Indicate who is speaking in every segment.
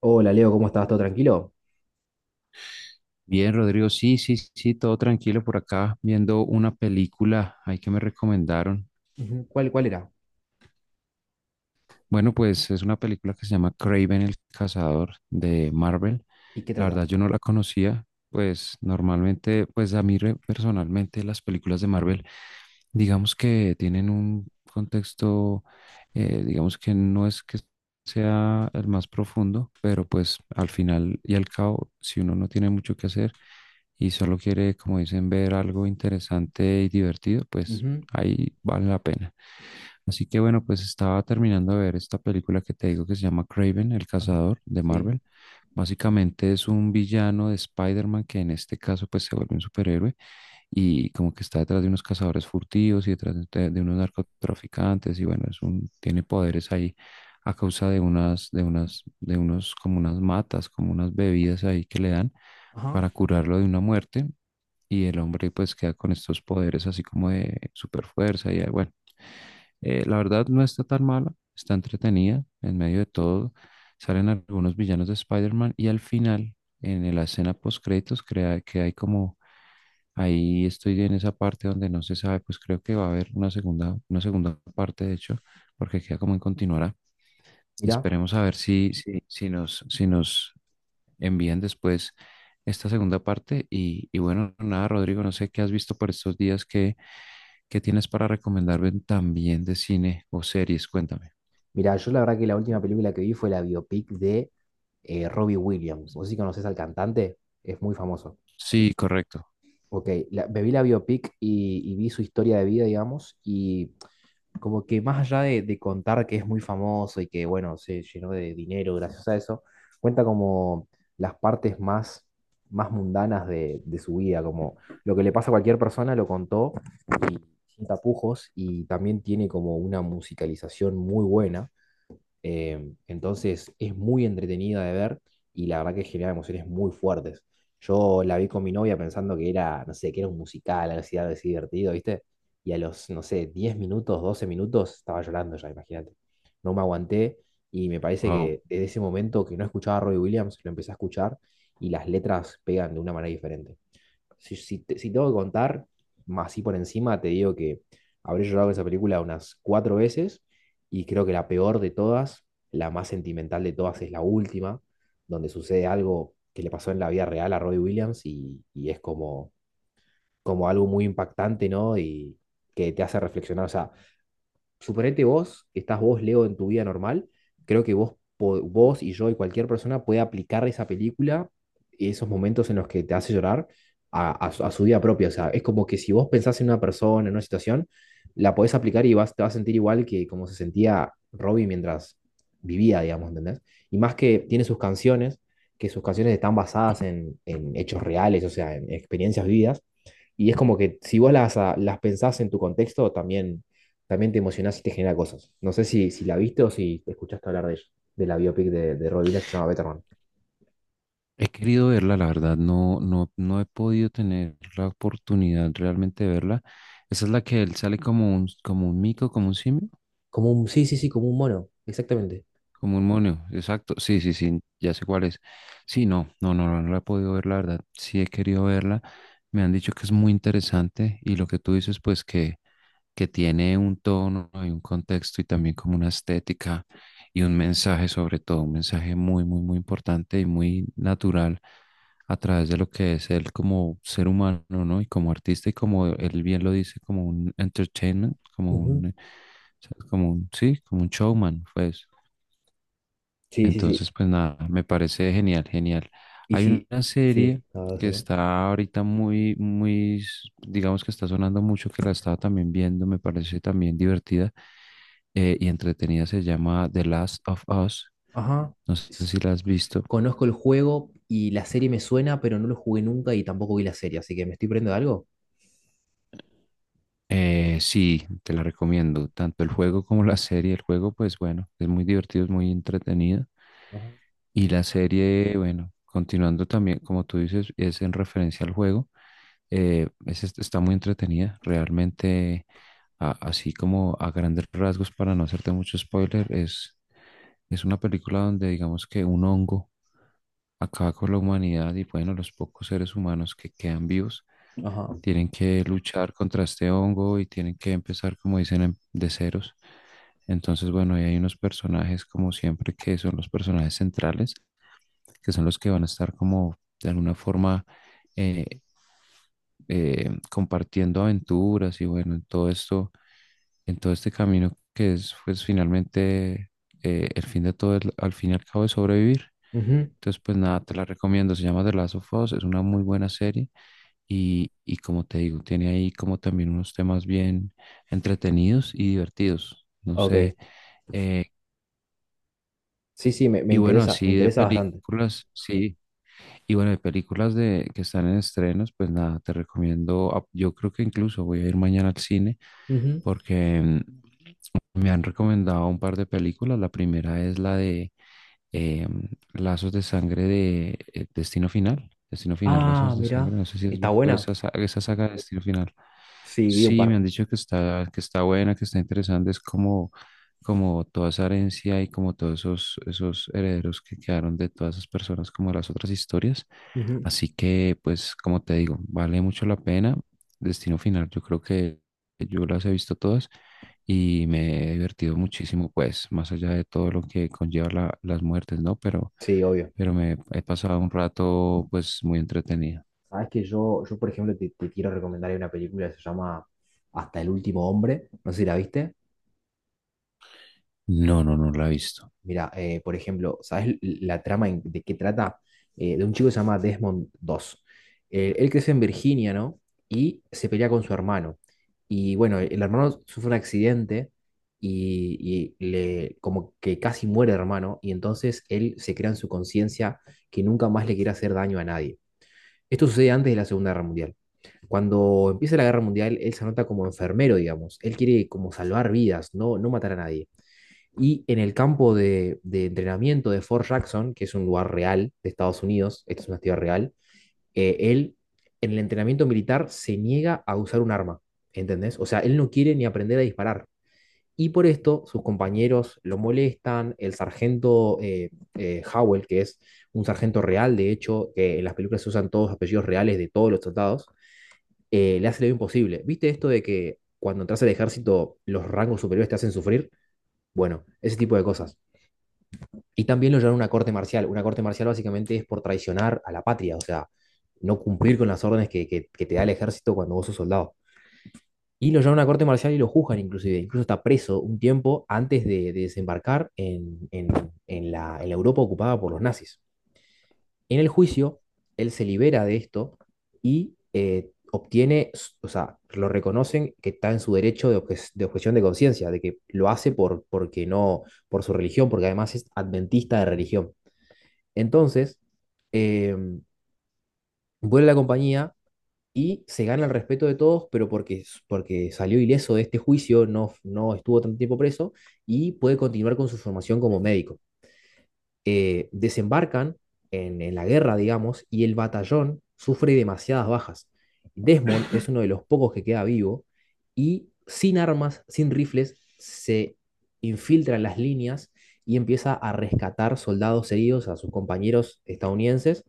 Speaker 1: Hola Leo, ¿cómo estás? ¿Todo tranquilo?
Speaker 2: Bien, Rodrigo, sí, sí, sí, todo tranquilo por acá, viendo una película ahí que me recomendaron.
Speaker 1: Ujú, ¿Cuál era?
Speaker 2: Bueno, pues es una película que se llama Craven el Cazador de Marvel.
Speaker 1: ¿Y qué
Speaker 2: La
Speaker 1: trata?
Speaker 2: verdad, yo no la conocía, pues normalmente, pues a mí personalmente las películas de Marvel, digamos que tienen un contexto, digamos que no es que sea el más profundo, pero pues al final y al cabo, si uno no tiene mucho que hacer, y solo quiere, como dicen, ver algo interesante y divertido, pues
Speaker 1: Ujú,
Speaker 2: ahí vale la pena. Así que bueno, pues estaba terminando de ver esta película que te digo que se llama Craven, el
Speaker 1: Ajá.
Speaker 2: cazador de
Speaker 1: Sí.
Speaker 2: Marvel. Básicamente es un villano de Spider-Man que en este caso pues se vuelve un superhéroe y como que está detrás de unos cazadores furtivos y detrás de unos narcotraficantes y bueno, es un, tiene poderes ahí a causa de unas, de unas, de unos como unas matas, como unas bebidas ahí que le dan
Speaker 1: Ajá.
Speaker 2: para curarlo de una muerte y el hombre pues queda con estos poderes así como de super fuerza y bueno, la verdad no está tan mala, está entretenida en medio de todo, salen algunos villanos de Spider-Man y al final en la escena post créditos crea que hay como ahí estoy en esa parte donde no se sabe, pues creo que va a haber una segunda parte de hecho, porque queda como en continuará.
Speaker 1: Mirá,
Speaker 2: Esperemos a ver si, si, si nos envían después esta segunda parte. Y bueno, nada, Rodrigo, no sé qué has visto por estos días, qué, qué tienes para recomendarme también de cine o series, cuéntame.
Speaker 1: mirá, yo la verdad que la última película que vi fue la biopic de Robbie Williams. ¿Vos sí conoces al cantante? Es muy famoso.
Speaker 2: Sí, correcto.
Speaker 1: Ok, me vi la biopic y vi su historia de vida, digamos, y como que más allá de contar que es muy famoso y que, bueno, se llenó de dinero gracias a eso, cuenta como las partes más mundanas de su vida, como lo que le pasa a cualquier persona, lo contó y sin tapujos y también tiene como una musicalización muy buena eh, entonces es muy entretenida de ver y la verdad que genera emociones muy fuertes. Yo la vi con mi novia pensando que era, no sé, que era un musical, algo así divertido, ¿viste? Y a los, no sé, 10 minutos, 12 minutos estaba llorando ya, imagínate. No me aguanté y me parece
Speaker 2: Wow.
Speaker 1: que desde ese momento que no escuchaba a Robbie Williams, lo empecé a escuchar y las letras pegan de una manera diferente. Si, si, si tengo que contar, más así por encima, te digo que habré llorado con esa película unas cuatro veces y creo que la peor de todas, la más sentimental de todas, es la última, donde sucede algo que le pasó en la vida real a Robbie Williams y es como, como algo muy impactante, ¿no? Y que te hace reflexionar, o sea, suponete vos, que estás vos, Leo, en tu vida normal, creo que vos, vos y yo y cualquier persona puede aplicar esa película, esos momentos en los que te hace llorar, a su vida propia. O sea, es como que si vos pensás en una persona, en una situación, la podés aplicar y vas, te vas a sentir igual que como se sentía Robbie mientras vivía, digamos, ¿entendés? Y más que tiene sus canciones, que sus canciones están basadas en hechos reales, o sea, en experiencias vividas. Y es como que si vos las, las pensás en tu contexto, también, también te emocionás y te genera cosas. No sé si, si la viste o si te escuchaste hablar de ella, de la biopic de Robbie Williams que se llama Betterman.
Speaker 2: He querido verla, la verdad, no, no, no he podido tener la oportunidad realmente de verla. Esa es la que él sale como un mico, como un simio.
Speaker 1: Como un, sí, sí, sí, como un mono, exactamente.
Speaker 2: Como un mono, exacto. Sí, sí, sí, ya sé cuál es. Sí, no, no, no, no, no la he podido ver, la verdad. Sí he querido verla. Me han dicho que es muy interesante y lo que tú dices, pues que tiene un tono y un contexto y también como una estética y un mensaje sobre todo, un mensaje muy, muy, muy importante y muy natural a través de lo que es él como ser humano, ¿no? Y como artista y como él bien lo dice, como un entertainment, como
Speaker 1: Ujú.
Speaker 2: un, o sea, como un, sí, como un showman, pues,
Speaker 1: Sí, sí, sí.
Speaker 2: entonces, pues nada, me parece genial, genial.
Speaker 1: Y
Speaker 2: Hay
Speaker 1: sí,
Speaker 2: una serie
Speaker 1: sí, nada,
Speaker 2: que
Speaker 1: decime.
Speaker 2: está ahorita digamos que está sonando mucho, que la estaba también viendo, me parece también divertida y entretenida, se llama The Last of Us.
Speaker 1: Ajá.
Speaker 2: No sé
Speaker 1: S-
Speaker 2: si la has visto.
Speaker 1: Conozco el juego y la serie me suena, pero no lo jugué nunca y tampoco vi la serie, así que me estoy perdiendo de algo.
Speaker 2: Sí, te la recomiendo, tanto el juego como la serie. El juego, pues bueno, es muy divertido, es muy entretenido.
Speaker 1: Ajá.
Speaker 2: Y la serie, bueno, continuando también, como tú dices, es en referencia al juego. Está muy entretenida. Realmente, así como a grandes rasgos, para no hacerte mucho spoiler, es una película donde digamos que un hongo acaba con la humanidad y bueno, los pocos seres humanos que quedan vivos
Speaker 1: Ajá.
Speaker 2: tienen que luchar contra este hongo y tienen que empezar, como dicen, de ceros. Entonces, bueno, ahí hay unos personajes como siempre que son los personajes centrales, que son los que van a estar como de alguna forma eh, compartiendo aventuras y bueno, en todo esto, en todo este camino que es pues finalmente el fin de todo, al fin y al cabo es sobrevivir.
Speaker 1: Ujú,
Speaker 2: Entonces pues nada, te la recomiendo, se llama The Last of Us, es una muy buena serie y como te digo, tiene ahí como también unos temas bien entretenidos y divertidos, no
Speaker 1: Ok,
Speaker 2: sé, eh,
Speaker 1: sí, sí, me, me
Speaker 2: y bueno,
Speaker 1: interesa, me
Speaker 2: así de
Speaker 1: interesa bastante.
Speaker 2: películas, sí. Y bueno, de películas de, que están en estrenos, pues nada, te recomiendo, ah, yo creo que incluso voy a ir mañana al cine
Speaker 1: Ujú.
Speaker 2: porque me han recomendado un par de películas. La primera es la de eh, Lazos de Sangre de Destino Final. Destino Final,
Speaker 1: Ah,
Speaker 2: Lazos de Sangre.
Speaker 1: mira,
Speaker 2: No sé si has
Speaker 1: está
Speaker 2: visto
Speaker 1: buena.
Speaker 2: esa, esa saga de Destino Final.
Speaker 1: Sí, vi un
Speaker 2: Sí,
Speaker 1: par.
Speaker 2: me han dicho que está buena, que está interesante. Es como, como toda esa herencia y como todos esos, esos herederos que quedaron de todas esas personas, como las otras historias.
Speaker 1: Ujú.
Speaker 2: Así que, pues, como te digo, vale mucho la pena. Destino Final, yo creo que yo las he visto todas y me he divertido muchísimo, pues, más allá de todo lo que conlleva las muertes, ¿no?
Speaker 1: Sí, obvio.
Speaker 2: Pero me he pasado un rato, pues, muy entretenido.
Speaker 1: Sabes que yo, por ejemplo, te quiero recomendar una película que se llama Hasta el último hombre. No sé si la viste.
Speaker 2: No, no, no la he visto.
Speaker 1: Mira, por ejemplo, ¿sabes la trama de qué trata? De un chico que se llama Desmond dos. Él crece en Virginia, ¿no? Y se pelea con su hermano. Y bueno, el hermano sufre un accidente y le, como que casi muere el hermano. Y entonces él se crea en su conciencia que nunca más le quiere hacer daño a nadie. Esto sucede antes de la Segunda Guerra Mundial. Cuando empieza la Guerra Mundial, él se anota como enfermero, digamos. Él quiere como salvar vidas, no, no matar a nadie. Y en el campo de entrenamiento de Fort Jackson, que es un lugar real de Estados Unidos, esta es una ciudad real, él en el entrenamiento militar se niega a usar un arma, ¿entendés? O sea, él no quiere ni aprender a disparar. Y por esto sus compañeros lo molestan, el sargento Howell, que es un sargento real, de hecho, que en las películas se usan todos los apellidos reales de todos los soldados le hace lo imposible. ¿Viste esto de que cuando entras al ejército los rangos superiores te hacen sufrir? Bueno, ese tipo de cosas. Y también lo llevan a una corte marcial. Una corte marcial básicamente es por traicionar a la patria, o sea, no cumplir con las órdenes que te da el ejército cuando vos sos soldado. Y lo llevan a una corte marcial y lo juzgan inclusive. Incluso está preso un tiempo antes de desembarcar en la Europa ocupada por los nazis. En el juicio, él se libera de esto y obtiene, s- o sea, lo reconocen que está en su derecho de, de objeción de conciencia, de que lo hace por, porque no, por su religión, porque además es adventista de religión. Entonces, em, vuelve a la compañía y se gana el respeto de todos, pero porque, porque salió ileso de este juicio, no, no estuvo tanto tiempo preso y puede continuar con su formación como médico desembarcan en la guerra, digamos, y el batallón sufre demasiadas bajas. Desmond es uno de los pocos que queda vivo y sin armas, sin rifles, se infiltra en las líneas y empieza a rescatar soldados heridos a sus compañeros estadounidenses.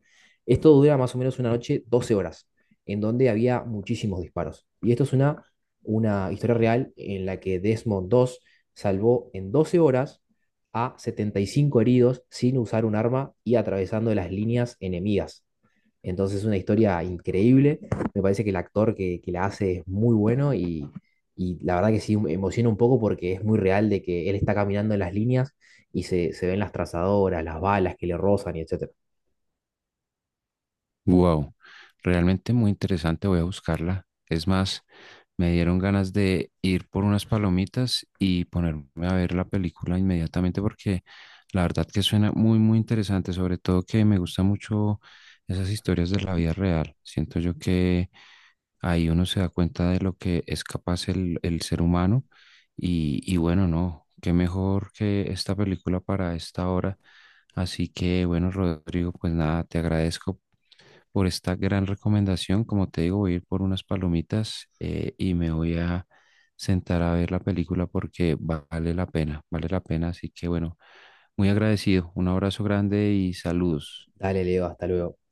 Speaker 1: Esto dura más o menos una noche, 12 horas, en donde había muchísimos disparos. Y esto es una historia real en la que Desmond dos salvó en 12 horas a 75 heridos sin usar un arma y atravesando las líneas enemigas. Entonces es una historia increíble. Me parece que el actor que la hace es muy bueno y la verdad que sí me emociona un poco porque es muy real de que él está caminando en las líneas y se ven las trazadoras, las balas que le rozan y etcétera.
Speaker 2: Wow, realmente muy interesante, voy a buscarla. Es más, me dieron ganas de ir por unas palomitas y ponerme a ver la película inmediatamente porque la verdad que suena muy, muy interesante, sobre todo que me gusta mucho esas historias de la vida real. Siento yo que ahí uno se da cuenta de lo que es capaz el ser humano y bueno, no, qué mejor que esta película para esta hora. Así que bueno, Rodrigo, pues nada, te agradezco por esta gran recomendación. Como te digo, voy a ir por unas palomitas y me voy a sentar a ver la película porque vale la pena, vale la pena. Así que bueno, muy agradecido. Un abrazo grande y saludos.
Speaker 1: Dale, Leo, hasta luego.